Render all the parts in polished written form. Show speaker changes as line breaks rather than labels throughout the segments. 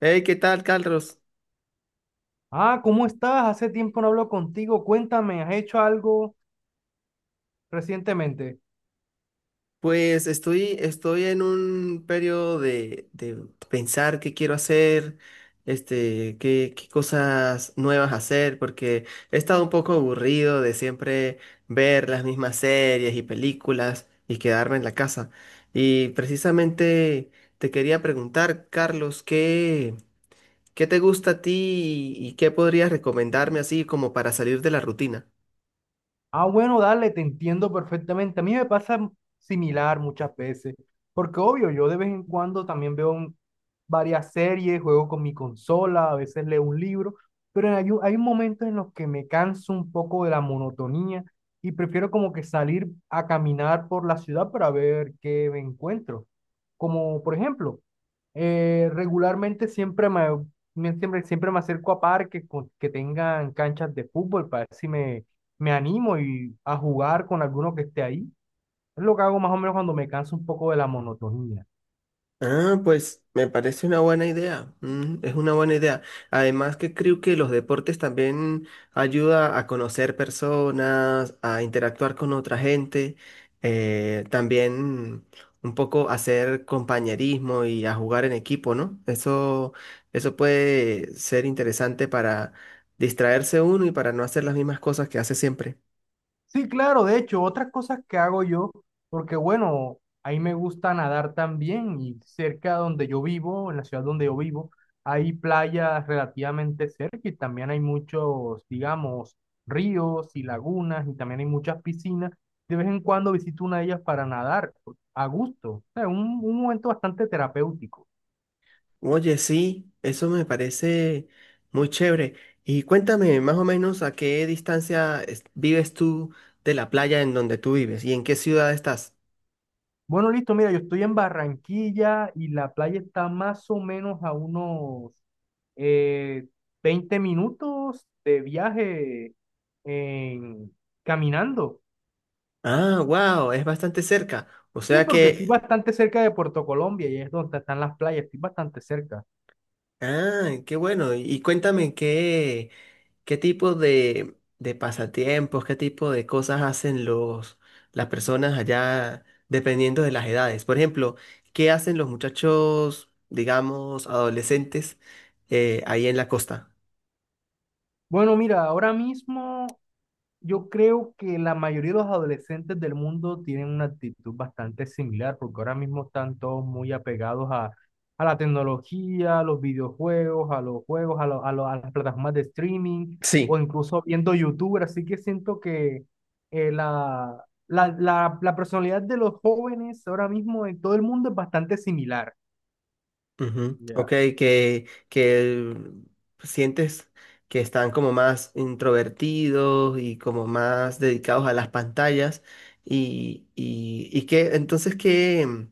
Hey, ¿qué tal, Carlos?
Ah, ¿cómo estás? Hace tiempo no hablo contigo. Cuéntame, ¿has hecho algo recientemente?
Pues estoy en un periodo de pensar qué quiero hacer, este, qué, qué cosas nuevas hacer, porque he estado un poco aburrido de siempre ver las mismas series y películas y quedarme en la casa. Y precisamente te quería preguntar, Carlos, ¿qué, qué te gusta a ti y qué podrías recomendarme así como para salir de la rutina?
Ah, bueno, dale, te entiendo perfectamente. A mí me pasa similar muchas veces, porque obvio, yo de vez en cuando también veo varias series, juego con mi consola, a veces leo un libro, pero hay momentos en los que me canso un poco de la monotonía y prefiero como que salir a caminar por la ciudad para ver qué me encuentro. Como por ejemplo, regularmente siempre me acerco a parques que tengan canchas de fútbol para ver si me animo y a jugar con alguno que esté ahí. Es lo que hago más o menos cuando me canso un poco de la monotonía.
Ah, pues me parece una buena idea. Mm, es una buena idea. Además que creo que los deportes también ayuda a conocer personas, a interactuar con otra gente, también un poco hacer compañerismo y a jugar en equipo, ¿no? Eso puede ser interesante para distraerse uno y para no hacer las mismas cosas que hace siempre.
Sí, claro, de hecho, otras cosas que hago yo, porque bueno, ahí me gusta nadar también y cerca donde yo vivo, en la ciudad donde yo vivo, hay playas relativamente cerca y también hay muchos, digamos, ríos y lagunas y también hay muchas piscinas. De vez en cuando visito una de ellas para nadar a gusto. O sea, un momento bastante terapéutico.
Oye, sí, eso me parece muy chévere. Y cuéntame más o menos a qué distancia es- vives tú de la playa en donde tú vives y en qué ciudad estás.
Bueno, listo, mira, yo estoy en Barranquilla y la playa está más o menos a unos eh, 20 minutos de viaje en- caminando.
Ah, wow, es bastante cerca. O
Sí,
sea
porque estoy
que,
bastante cerca de Puerto Colombia y es donde están las playas, estoy bastante cerca.
ah, qué bueno. Y cuéntame qué, ¿qué tipo de pasatiempos, qué tipo de cosas hacen los, las personas allá dependiendo de las edades? Por ejemplo, ¿qué hacen los muchachos, digamos, adolescentes, ahí en la costa?
Bueno, mira, ahora mismo yo creo que la mayoría de los adolescentes del mundo tienen una actitud bastante similar, porque ahora mismo están todos muy apegados a la tecnología, a los videojuegos, a los juegos, a las plataformas de streaming o
Sí,
incluso viendo YouTube. Así que siento que la personalidad de los jóvenes ahora mismo en todo el mundo es bastante similar.
ujú, ok,
Ya.
que sientes que están como más introvertidos y como más dedicados a las pantallas y que entonces, ¿qué?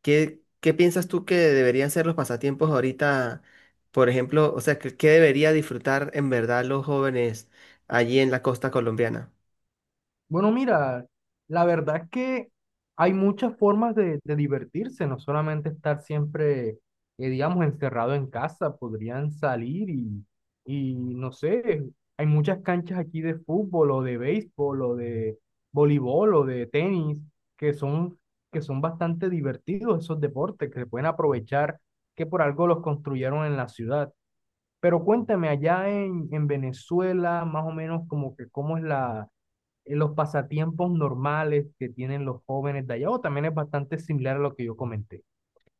¿Qué, qué piensas tú que deberían ser los pasatiempos ahorita? Por ejemplo, o sea, ¿qué, qué debería disfrutar en verdad los jóvenes allí en la costa colombiana?
Bueno, mira, la verdad es que hay muchas formas de divertirse, no solamente estar siempre, digamos, encerrado en casa, podrían salir y no sé, hay muchas canchas aquí de fútbol o de béisbol o de voleibol o de tenis que son, que son bastante divertidos esos deportes que se pueden aprovechar, que por algo los construyeron en la ciudad. Pero cuéntame, allá en Venezuela, más o menos como que cómo es la los pasatiempos normales que tienen los jóvenes de allá, o también es bastante similar a lo que yo comenté.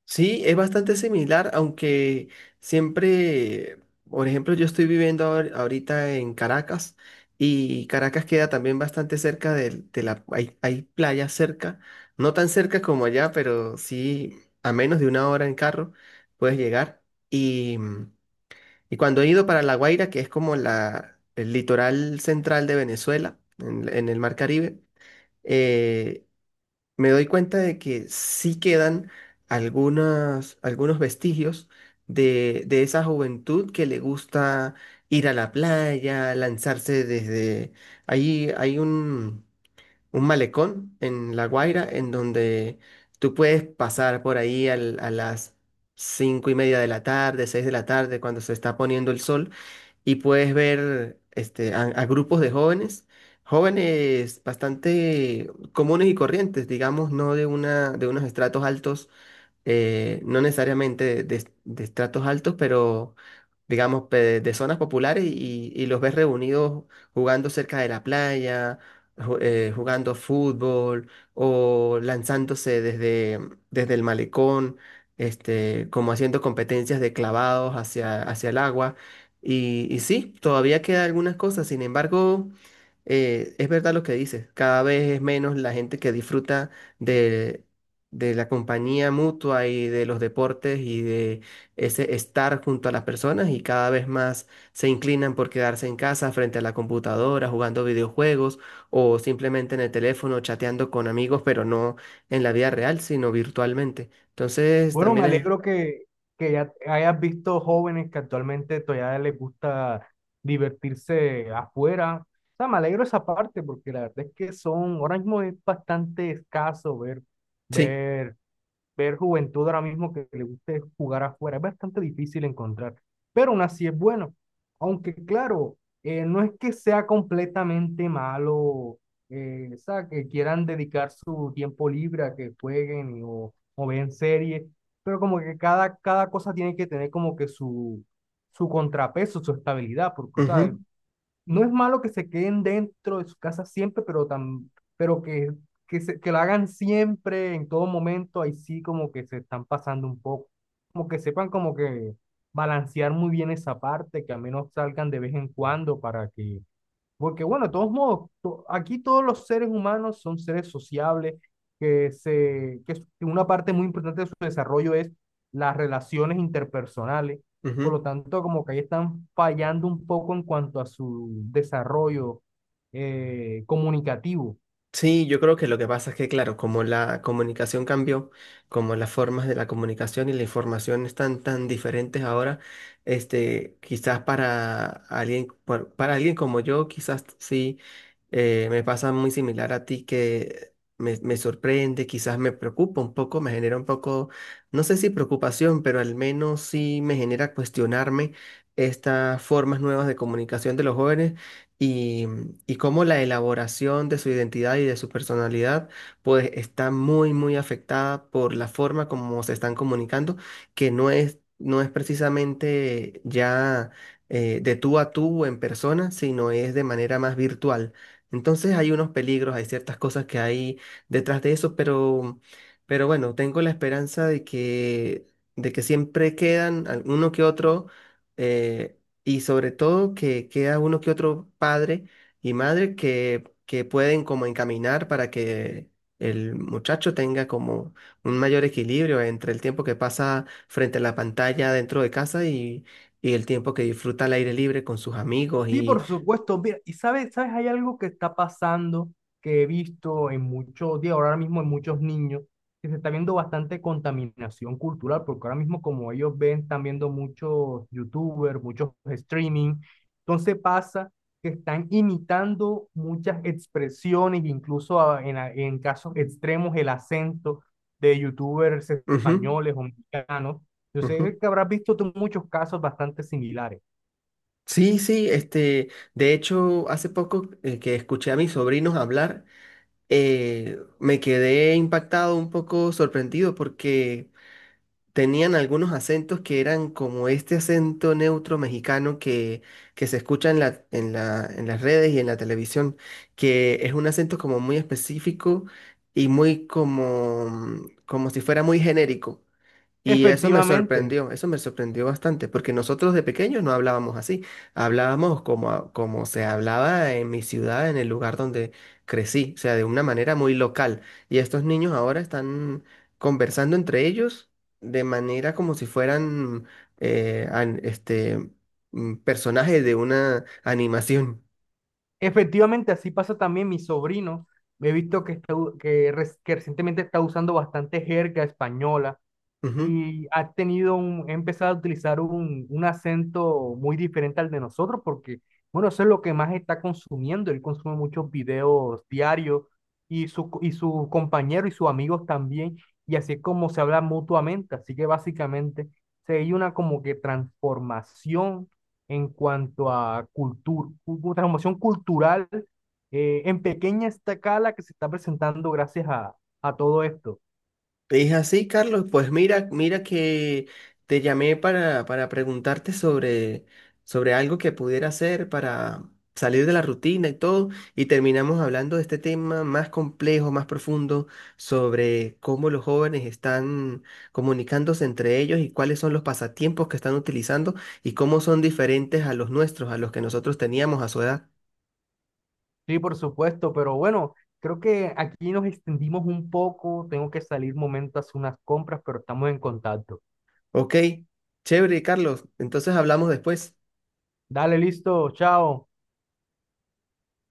Sí, es bastante similar, aunque siempre, por ejemplo, yo estoy viviendo ahor- ahorita en Caracas y Caracas queda también bastante cerca del- de, la... Hay playas cerca, no tan cerca como allá, pero sí a menos de una hora en carro puedes llegar. Y cuando he ido para La Guaira, que es como la, el litoral central de Venezuela, en el Mar Caribe, eh, me doy cuenta de que sí quedan algunos, algunos vestigios de esa juventud que le gusta ir a la playa, lanzarse desde... Ahí hay un malecón en La Guaira en donde tú puedes pasar por ahí al- a las cinco y media de la tarde, seis de la tarde, cuando se está poniendo el sol y puedes ver este, a grupos de jóvenes, jóvenes bastante comunes y corrientes, digamos, no de una, de unos estratos altos, no necesariamente de estratos altos, pero digamos, pe- de zonas populares y los ves reunidos jugando cerca de la playa, ju- jugando fútbol o lanzándose desde, desde el malecón, este, como haciendo competencias de clavados hacia, hacia el agua. Y sí, todavía quedan algunas cosas, sin embargo es verdad lo que dices, cada vez es menos la gente que disfruta de, de la compañía mutua y de los deportes y de ese estar junto a las personas y cada vez más se inclinan por quedarse en casa frente a la computadora, jugando videojuegos o simplemente en el teléfono chateando con amigos, pero no en la vida real, sino virtualmente. Entonces,
Bueno,
también
me
es...
alegro que ya hayas visto jóvenes que actualmente todavía les gusta divertirse afuera. O sea, me alegro esa parte porque la verdad es que son, ahora mismo es bastante escaso
Sí.
ver ver juventud ahora mismo que le guste jugar afuera. Es bastante difícil encontrar, pero aún así es bueno. Aunque claro, no es que sea completamente malo, o sea, que quieran dedicar su tiempo libre a que jueguen o vean series, pero como que cada cosa tiene que tener como que su contrapeso, su estabilidad, porque, o sea,
Ujú,
no es malo que se queden dentro de su casa siempre, pero, tam pero que, se, que lo hagan siempre, en todo momento, ahí sí como que se están pasando un poco, como que sepan como que balancear muy bien esa parte, que al menos salgan de vez en cuando para que porque bueno, de todos modos, aquí todos los seres humanos son seres sociables, que, se, que es- que una parte muy importante de su desarrollo es las relaciones interpersonales. Por lo
ujú.
tanto, como que ahí están fallando un poco en cuanto a su desarrollo comunicativo.
Sí, yo creo que lo que pasa es que, claro, como la comunicación cambió, como las formas de la comunicación y la información están tan diferentes ahora, este, quizás para alguien, por- para alguien como yo, quizás sí, me pasa muy similar a ti que me sorprende, quizás me preocupa un poco, me genera un poco, no sé si preocupación, pero al menos sí me genera cuestionarme estas formas nuevas de comunicación de los jóvenes y, y cómo la elaboración de su identidad y de su personalidad pues está muy afectada por la forma como se están comunicando, que no es, no es precisamente ya de tú a tú en persona, sino es de manera más virtual. Entonces hay unos peligros, hay ciertas cosas que hay detrás de eso, pero bueno, tengo la esperanza de que siempre quedan alguno que otro, eh, y sobre todo que queda uno que otro padre y madre que pueden como encaminar para que el muchacho tenga como un mayor equilibrio entre el tiempo que pasa frente a la pantalla dentro de casa y el tiempo que disfruta al aire libre con sus amigos
Sí, por
y...
supuesto. Mira, y sabes, hay algo que está pasando que he visto en muchos días, ahora mismo en muchos niños, que se está viendo bastante contaminación cultural, porque ahora mismo como ellos ven, están viendo muchos youtubers, muchos streaming. Entonces pasa que están imitando muchas expresiones, incluso en casos extremos el acento de youtubers
Ujú,
españoles o mexicanos. Yo
ujú.
sé que habrás visto tú muchos casos bastante similares.
Sí, sí, este, de hecho, hace poco que escuché a mis sobrinos hablar, me quedé impactado, un poco sorprendido porque tenían algunos acentos que eran como este acento neutro mexicano que se escucha en la, en la, en las redes y en la televisión, que es un acento como muy específico y muy como, como si fuera muy genérico. Y
Efectivamente.
eso me sorprendió bastante, porque nosotros de pequeños no hablábamos así, hablábamos como, a- como se hablaba en mi ciudad, en el lugar donde crecí, o sea, de una manera muy local. Y estos niños ahora están conversando entre ellos de manera como si fueran eh, an- este, personajes de una animación.
Efectivamente, así pasa también mi sobrino. He visto que, está u- que, res- que recientemente está usando bastante jerga española, y ha tenido ha empezado a utilizar un acento muy diferente al de nosotros, porque, bueno, eso es lo que más está consumiendo. Él consume muchos videos diarios y su compañero y sus amigos también, y así es como se habla mutuamente. Así que básicamente se hay una como que transformación en cuanto a cultura, transformación cultural en pequeña escala que se está presentando gracias a todo esto.
Te dije así, Carlos. Pues mira, mira que te llamé para preguntarte sobre, sobre algo que pudiera hacer para salir de la rutina y todo, y terminamos hablando de este tema más complejo, más profundo, sobre cómo los jóvenes están comunicándose entre ellos y cuáles son los pasatiempos que están utilizando y cómo son diferentes a los nuestros, a los que nosotros teníamos a su edad.
Sí, por supuesto, pero bueno, creo que aquí nos extendimos un poco. Tengo que salir momento a hacer unas compras, pero estamos en contacto.
Ok, chévere, Carlos. Entonces hablamos después.
Dale, listo, chao.